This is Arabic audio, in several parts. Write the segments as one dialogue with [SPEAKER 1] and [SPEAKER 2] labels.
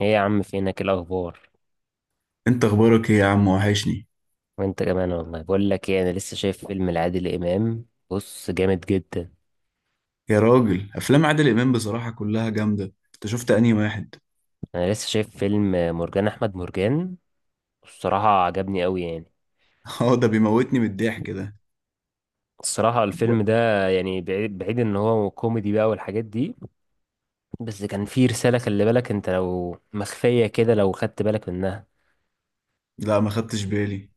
[SPEAKER 1] ايه يا عم فينك؟ إيه الاخبار؟
[SPEAKER 2] انت اخبارك ايه يا عم؟ وحشني.
[SPEAKER 1] وانت كمان. والله بقول لك ايه، انا لسه شايف فيلم لعادل امام، بص جامد جدا.
[SPEAKER 2] يا راجل افلام عادل امام بصراحة كلها جامدة. انت شفت انهي واحد؟
[SPEAKER 1] انا لسه شايف فيلم مرجان احمد مرجان. الصراحه عجبني قوي يعني.
[SPEAKER 2] اه، ده بيموتني من الضحك ده.
[SPEAKER 1] الصراحه الفيلم
[SPEAKER 2] ده-
[SPEAKER 1] ده يعني بعيد بعيد ان هو كوميدي بقى والحاجات دي، بس كان فيه رساله. خلي بالك، انت لو مخفيه كده لو خدت بالك منها.
[SPEAKER 2] لا، ما خدتش بالي.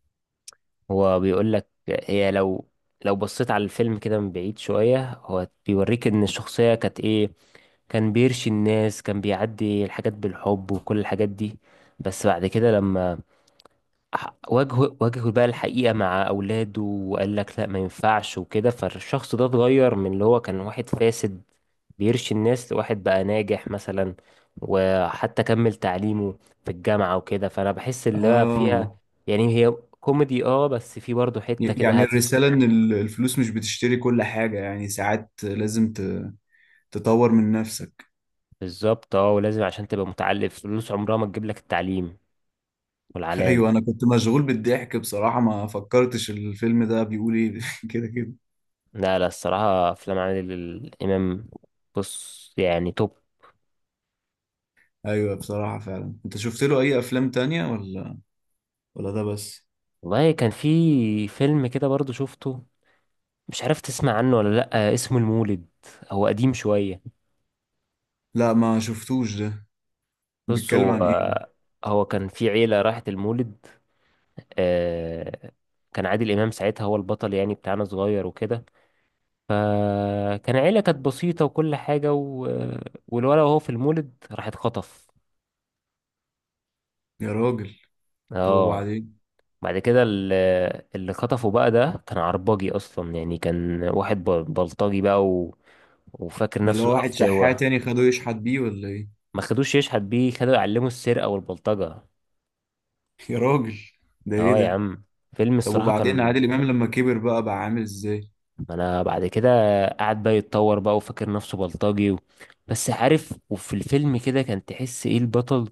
[SPEAKER 1] هو بيقول لك هي لو بصيت على الفيلم كده من بعيد شوية هو بيوريك ان الشخصية كانت ايه. كان بيرشي الناس، كان بيعدي الحاجات بالحب وكل الحاجات دي، بس بعد كده لما واجهه بقى الحقيقة مع أولاده وقال لك لا ما ينفعش وكده، فالشخص ده اتغير من اللي هو كان واحد فاسد بيرشي الناس لواحد بقى ناجح مثلا، وحتى كمل تعليمه في الجامعة وكده. فأنا بحس اللي هو
[SPEAKER 2] اه،
[SPEAKER 1] فيها يعني هي كوميدي، اه، بس في برضه حتة
[SPEAKER 2] ي-
[SPEAKER 1] كده
[SPEAKER 2] يعني
[SPEAKER 1] هادفة.
[SPEAKER 2] الرسالة ان الفلوس مش بتشتري كل حاجة، يعني ساعات لازم تطور من نفسك.
[SPEAKER 1] بالظبط، اه ولازم عشان تبقى متعلم، فلوس عمرها ما تجيب لك التعليم والعلام.
[SPEAKER 2] ايوه، انا كنت مشغول بالضحك بصراحة، ما فكرتش الفيلم ده بيقول ايه. كده كده.
[SPEAKER 1] لا لا، الصراحة أفلام عادل الإمام، بص يعني، توب.
[SPEAKER 2] ايوه بصراحة، فعلا انت شفت له اي افلام تانية ولا ولا ده بس؟
[SPEAKER 1] والله كان في فيلم كده برضه شفته، مش عارف تسمع عنه ولا لأ، اسمه المولد. هو قديم شوية.
[SPEAKER 2] لا، ما شفتوش ده.
[SPEAKER 1] بص،
[SPEAKER 2] بيتكلم
[SPEAKER 1] هو
[SPEAKER 2] عن ايه ده؟
[SPEAKER 1] هو كان في عيلة راحت المولد. آه، كان عادل إمام ساعتها هو البطل يعني بتاعنا، صغير وكده. فكان عيلة كانت بسيطة وكل حاجة والولد وهو في المولد راح اتخطف.
[SPEAKER 2] يا راجل، طب
[SPEAKER 1] اه.
[SPEAKER 2] وبعدين؟
[SPEAKER 1] بعد كده اللي خطفه بقى ده كان عرباجي أصلا، يعني كان واحد بلطجي بقى وفاكر
[SPEAKER 2] ده اللي
[SPEAKER 1] نفسه
[SPEAKER 2] هو
[SPEAKER 1] بقى
[SPEAKER 2] واحد شحات
[SPEAKER 1] فتاوة.
[SPEAKER 2] تاني خده يشحت بيه ولا ايه؟
[SPEAKER 1] ما خدوش يشحت بيه، خدوا يعلموا السرقة والبلطجة.
[SPEAKER 2] يا راجل، ده ايه
[SPEAKER 1] اه يا
[SPEAKER 2] ده؟
[SPEAKER 1] عم. فيلم
[SPEAKER 2] طب
[SPEAKER 1] الصراحة
[SPEAKER 2] وبعدين
[SPEAKER 1] كان،
[SPEAKER 2] عادل امام لما كبر بقى بقى عامل ازاي؟
[SPEAKER 1] انا بعد كده قعد بقى يتطور بقى وفاكر نفسه بلطجي بس عارف، وفي الفيلم كده كان تحس ايه البطل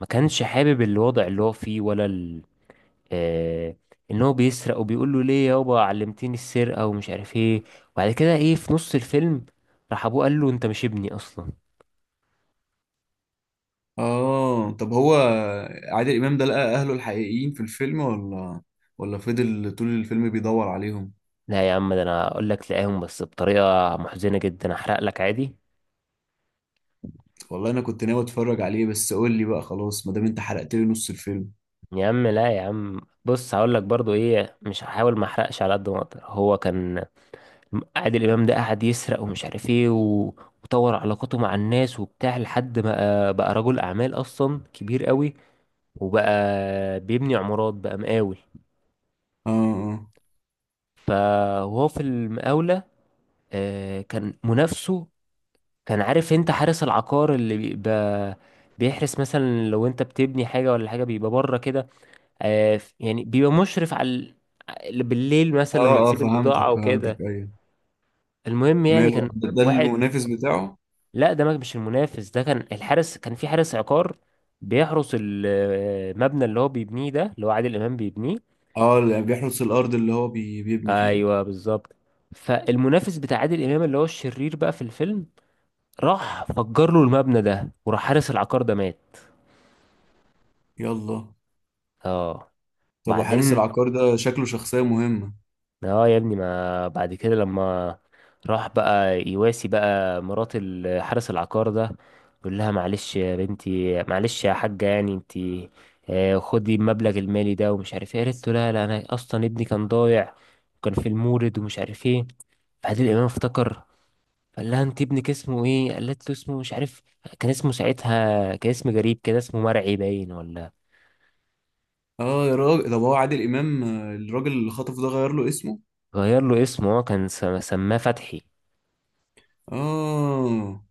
[SPEAKER 1] ما كانش حابب الوضع اللي هو فيه ولا آه... ان هو بيسرق وبيقول له ليه يابا علمتيني السرقة ومش عارف ايه. وبعد كده ايه في نص الفيلم راح ابوه قال له انت مش ابني اصلا.
[SPEAKER 2] اه، طب هو عادل امام ده لقى اهله الحقيقيين في الفيلم ولا ولا فضل طول الفيلم بيدور عليهم؟
[SPEAKER 1] لا يا عم، ده انا اقول لك لقاهم بس بطريقة محزنة جدا، احرق لك عادي.
[SPEAKER 2] والله انا كنت ناوي اتفرج عليه، بس قول لي بقى خلاص ما دام انت حرقت لي نص الفيلم.
[SPEAKER 1] يا عم لا، يا عم بص هقول لك برضو ايه، مش هحاول ما احرقش على قد ما اقدر. هو كان عادل امام ده قعد يسرق ومش عارف ايه وطور علاقاته مع الناس وبتاع لحد ما بقى رجل اعمال اصلا، كبير قوي. وبقى بيبني عمارات بقى، مقاول.
[SPEAKER 2] اه
[SPEAKER 1] فهو في المقاولة كان منافسه. كان عارف انت حارس العقار اللي بيبقى بيحرس، مثلا لو انت بتبني حاجة ولا حاجة بيبقى بره كده. يعني بيبقى مشرف على بالليل
[SPEAKER 2] اه
[SPEAKER 1] مثلا لما
[SPEAKER 2] اه اه،
[SPEAKER 1] تسيب البضاعة
[SPEAKER 2] فهمتك
[SPEAKER 1] وكده.
[SPEAKER 2] فهمتك. ايوه،
[SPEAKER 1] المهم يعني
[SPEAKER 2] ماله
[SPEAKER 1] كان
[SPEAKER 2] ده؟
[SPEAKER 1] واحد،
[SPEAKER 2] المنافس بتاعه؟
[SPEAKER 1] لا ده مش المنافس. ده كان الحارس، كان في حارس عقار بيحرس المبنى اللي هو بيبنيه ده، اللي هو عادل امام بيبنيه.
[SPEAKER 2] اه، اللي بيحرس الارض اللي هو بيبني فيها.
[SPEAKER 1] ايوه بالظبط. فالمنافس بتاع عادل امام اللي هو الشرير بقى في الفيلم راح فجر له المبنى ده، وراح حارس العقار ده مات.
[SPEAKER 2] يلا.
[SPEAKER 1] اه
[SPEAKER 2] طب وحارس
[SPEAKER 1] بعدين.
[SPEAKER 2] العقار ده شكله شخصية مهمة.
[SPEAKER 1] اه يا ابني، ما بعد كده لما راح بقى يواسي بقى مرات حارس العقار ده، يقول لها معلش يا بنتي معلش يا حاجة، يعني انتي خدي المبلغ المالي ده ومش عارف ايه. قالت له لا لا، انا اصلا ابني كان ضايع وكان في المورد ومش عارف ايه. فعادل امام افتكر. قال لها انت ابنك اسمه ايه؟ قالت له اسمه مش عارف، كان اسمه ساعتها كان اسم غريب كده، اسمه مرعي باين ولا.
[SPEAKER 2] اه يا راجل، طب هو عادل امام الراجل اللي خطفه ده غير له اسمه؟
[SPEAKER 1] غير له اسمه، هو كان سماه فتحي.
[SPEAKER 2] اه،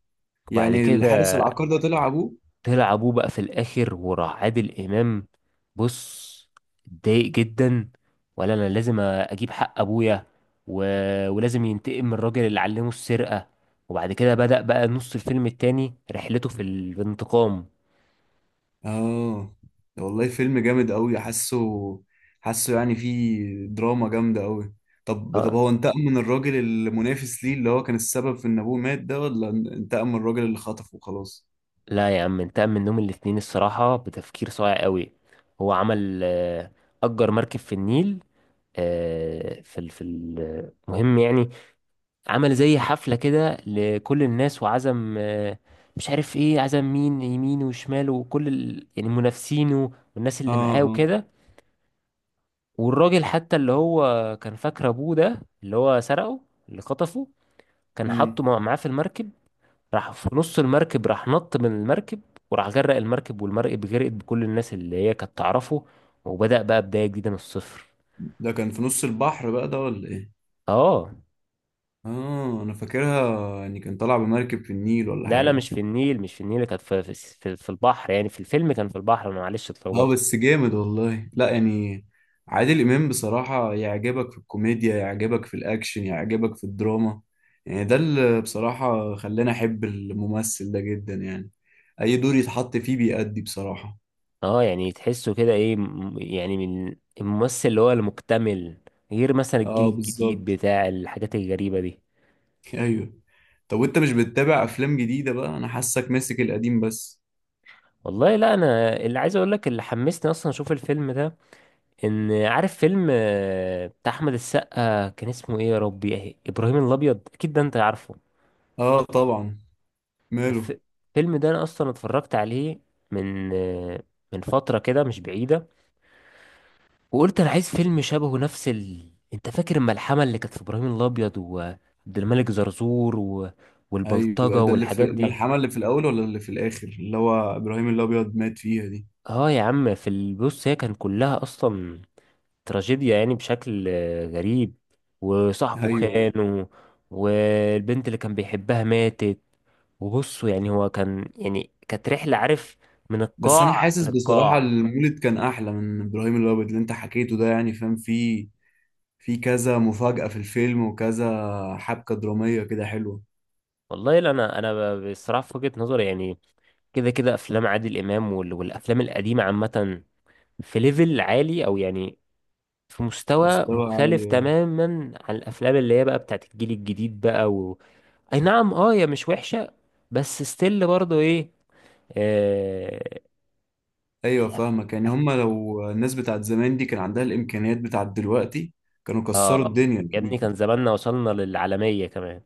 [SPEAKER 1] وبعد
[SPEAKER 2] يعني
[SPEAKER 1] كده
[SPEAKER 2] الحارس العقار ده طلع ابوه.
[SPEAKER 1] طلع ابوه بقى في الاخر. وراح عادل امام، بص، اتضايق جدا. ولا انا لازم اجيب حق ابويا و... ولازم ينتقم من الراجل اللي علمه السرقة. وبعد كده بدأ بقى نص الفيلم التاني رحلته في الانتقام.
[SPEAKER 2] اه، ده والله فيلم جامد قوي، حاسه حاسه يعني فيه دراما جامدة قوي. طب
[SPEAKER 1] اه.
[SPEAKER 2] هو انتقم من الراجل المنافس ليه اللي هو كان السبب في ان ابوه مات ده، ولا انتقم من الراجل اللي خطفه وخلاص؟
[SPEAKER 1] لا يا عم، انتقم منهم الاتنين، الصراحة بتفكير صايع قوي. هو عمل أجر مركب في النيل. في المهم يعني، عمل زي حفلة كده لكل الناس وعزم مش عارف ايه، عزم مين يمين وشمال وكل يعني منافسينه والناس اللي
[SPEAKER 2] اه
[SPEAKER 1] معاه
[SPEAKER 2] اه.
[SPEAKER 1] وكده. والراجل حتى اللي هو كان فاكر ابوه ده اللي هو سرقه، اللي خطفه، كان
[SPEAKER 2] امم.
[SPEAKER 1] حاطه معاه في المركب. راح في نص المركب راح نط من المركب، وراح غرق المركب، والمركب غرقت بكل الناس اللي هي كانت تعرفه. وبدأ بقى بداية جديدة من الصفر.
[SPEAKER 2] ده كان في نص البحر بقى ده ولا ايه؟
[SPEAKER 1] اه.
[SPEAKER 2] اه انا فاكرها يعني كان طالع بمركب في النيل ولا
[SPEAKER 1] لا لا
[SPEAKER 2] حاجه.
[SPEAKER 1] مش في النيل، مش في النيل، كانت في البحر. يعني في الفيلم كان في البحر. انا معلش
[SPEAKER 2] اه
[SPEAKER 1] اتلخبطت.
[SPEAKER 2] بس جامد والله، لا يعني عادل امام بصراحه يعجبك في الكوميديا، يعجبك في الاكشن، يعجبك في الدراما. يعني ده اللي بصراحه خلاني احب الممثل ده جدا يعني. اي دور يتحط فيه بيأدي بصراحه.
[SPEAKER 1] اه. يعني تحسه كده ايه يعني من الممثل اللي هو المكتمل. غير مثلا الجيل
[SPEAKER 2] اه
[SPEAKER 1] الجديد
[SPEAKER 2] بالظبط.
[SPEAKER 1] بتاع الحاجات الغريبة دي.
[SPEAKER 2] ايوه. طب وانت مش بتتابع افلام جديده بقى؟ انا حاسك ماسك القديم بس.
[SPEAKER 1] والله لا، انا اللي عايز اقول لك اللي حمسني اصلا اشوف الفيلم ده، ان عارف فيلم بتاع احمد السقا كان اسمه ايه يا ربي؟ إيه؟ ابراهيم الابيض، اكيد ده انت عارفه.
[SPEAKER 2] اه طبعا.
[SPEAKER 1] الف-
[SPEAKER 2] ماله؟
[SPEAKER 1] الفيلم ده انا اصلا اتفرجت عليه من من فترة كده مش بعيدة. وقلت انا عايز فيلم شبهه، نفس انت فاكر الملحمه اللي كانت في ابراهيم الابيض وعبد الملك زرزور
[SPEAKER 2] ايوه،
[SPEAKER 1] والبلطجه
[SPEAKER 2] ده اللي في
[SPEAKER 1] والحاجات دي.
[SPEAKER 2] الملحمه اللي في الاول ولا اللي في الاخر اللي هو ابراهيم الابيض مات فيها دي؟
[SPEAKER 1] اه يا عم، في البص هي كان كلها اصلا تراجيديا يعني بشكل غريب،
[SPEAKER 2] ايوه
[SPEAKER 1] وصاحبه خان
[SPEAKER 2] أيوة.
[SPEAKER 1] والبنت اللي كان بيحبها ماتت. وبصوا يعني هو كان، يعني كانت رحله، عارف، من
[SPEAKER 2] بس انا
[SPEAKER 1] القاع
[SPEAKER 2] حاسس بصراحه
[SPEAKER 1] للقاع.
[SPEAKER 2] المولد كان احلى من ابراهيم الابيض اللي انت حكيته ده، يعني فاهم، في في كذا مفاجاه في الفيلم وكذا حبكه دراميه كده حلوه.
[SPEAKER 1] والله لا، انا بصراحه في وجهه نظري يعني كده كده افلام عادل امام والافلام القديمه عامه في ليفل عالي، او يعني في مستوى
[SPEAKER 2] مستوى
[SPEAKER 1] مختلف
[SPEAKER 2] عالي اه.
[SPEAKER 1] تماما عن الافلام اللي هي بقى بتاعت الجيل الجديد بقى اي نعم، اه هي مش وحشة، بس ستيل برضو ايه آه...
[SPEAKER 2] ايوه
[SPEAKER 1] الأف...
[SPEAKER 2] فاهمك، يعني
[SPEAKER 1] أف...
[SPEAKER 2] هما لو الناس بتاعت زمان دي كان عندها الامكانيات بتاعت دلوقتي كانوا كسروا
[SPEAKER 1] اه
[SPEAKER 2] الدنيا.
[SPEAKER 1] يا ابني كان زماننا وصلنا للعالمية كمان.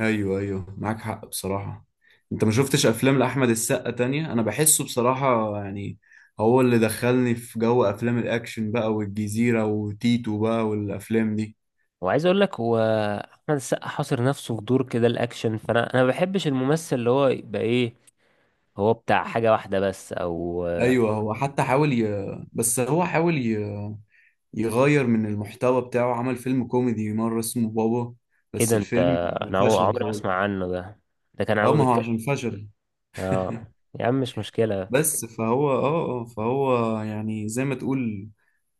[SPEAKER 2] ايوه ايوه، معاك حق بصراحة. انت ما شفتش افلام لاحمد السقا تانية؟ انا بحسه بصراحة يعني هو اللي دخلني في جو افلام الاكشن بقى، والجزيرة وتيتو بقى والافلام دي.
[SPEAKER 1] وعايز اقول لك هو احمد السقا حاصر نفسه في دور كده الاكشن. فانا انا ما بحبش الممثل اللي هو يبقى ايه، هو بتاع حاجة واحدة بس او
[SPEAKER 2] ايوه، هو حتى حاول ي... بس هو حاول ي... يغير من المحتوى بتاعه، عمل فيلم كوميدي مرة اسمه بابا،
[SPEAKER 1] ايه
[SPEAKER 2] بس
[SPEAKER 1] ده انت؟
[SPEAKER 2] الفيلم
[SPEAKER 1] انا
[SPEAKER 2] فشل
[SPEAKER 1] عمري ما
[SPEAKER 2] خالص.
[SPEAKER 1] اسمع عنه ده. ده كان عم.
[SPEAKER 2] اه، ما هو عشان فشل.
[SPEAKER 1] اه يا عم مش مشكلة.
[SPEAKER 2] بس فهو اه اه، فهو يعني زي ما تقول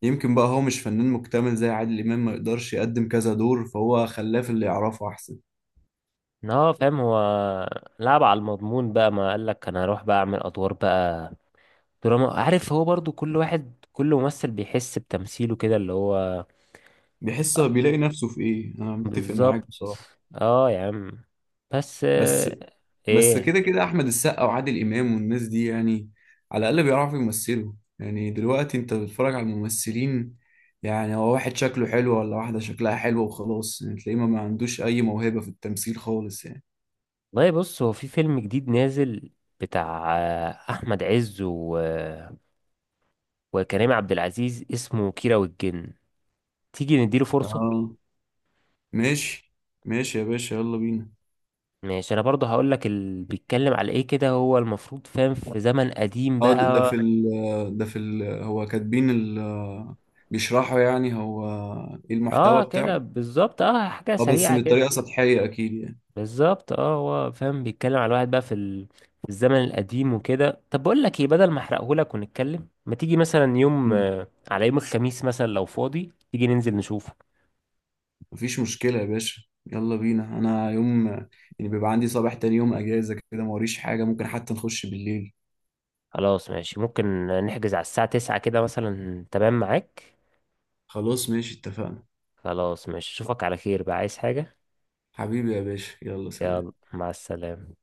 [SPEAKER 2] يمكن بقى هو مش فنان مكتمل زي عادل إمام، ما يقدرش يقدم كذا دور، فهو خلاه في اللي يعرفه أحسن.
[SPEAKER 1] إن هو فاهم، هو لعب على المضمون بقى، ما قالك انا هروح بقى اعمل ادوار بقى دراما. عارف هو برضو كل ممثل بيحس بتمثيله كده اللي هو.
[SPEAKER 2] بيحس بيلاقي نفسه في إيه، أنا متفق معاك
[SPEAKER 1] بالظبط.
[SPEAKER 2] بصراحة.
[SPEAKER 1] اه يا عم، بس
[SPEAKER 2] بس. بس
[SPEAKER 1] ايه؟
[SPEAKER 2] كده كده أحمد السقا وعادل إمام والناس دي يعني على الأقل بيعرفوا يمثلوا. يعني دلوقتي أنت بتتفرج على الممثلين، يعني هو واحد شكله حلو ولا واحدة شكلها حلوة وخلاص، يعني تلاقيه ما عندوش أي موهبة في التمثيل خالص يعني.
[SPEAKER 1] والله بص هو في فيلم جديد نازل بتاع احمد عز وكريم عبد العزيز، اسمه كيرة والجن. تيجي نديله فرصة.
[SPEAKER 2] آه، ماشي. ماشي يا باشا، يلا بينا.
[SPEAKER 1] ماشي، انا برضه هقول لك اللي بيتكلم على ايه كده هو المفروض فاهم في زمن قديم
[SPEAKER 2] اه ده ده في
[SPEAKER 1] بقى.
[SPEAKER 2] ال ده في ال هو كاتبين بيشرحوا يعني هو ايه المحتوى
[SPEAKER 1] اه كده
[SPEAKER 2] بتاعه.
[SPEAKER 1] بالظبط، اه حاجه
[SPEAKER 2] اه بس
[SPEAKER 1] سريعه
[SPEAKER 2] من
[SPEAKER 1] كده.
[SPEAKER 2] طريقة سطحية اكيد يعني.
[SPEAKER 1] بالظبط، اه هو فاهم بيتكلم على واحد بقى في في الزمن القديم وكده. طب بقول لك ايه، بدل ما احرقهولك ونتكلم، ما تيجي مثلا يوم
[SPEAKER 2] مم.
[SPEAKER 1] آه، على يوم الخميس مثلا لو فاضي تيجي ننزل نشوفه.
[SPEAKER 2] مفيش مشكلة يا باشا، يلا بينا. انا يوم، يعني بيبقى عندي صباح تاني يوم اجازة كده موريش حاجة، ممكن حتى نخش بالليل.
[SPEAKER 1] خلاص ماشي، ممكن نحجز على الساعه 9 كده مثلا، تمام معاك؟
[SPEAKER 2] خلاص ماشي، اتفقنا.
[SPEAKER 1] خلاص ماشي، اشوفك على خير بقى، عايز حاجه؟
[SPEAKER 2] حبيبي يا باشا، يلا
[SPEAKER 1] يلا
[SPEAKER 2] سلام.
[SPEAKER 1] مع السلامه.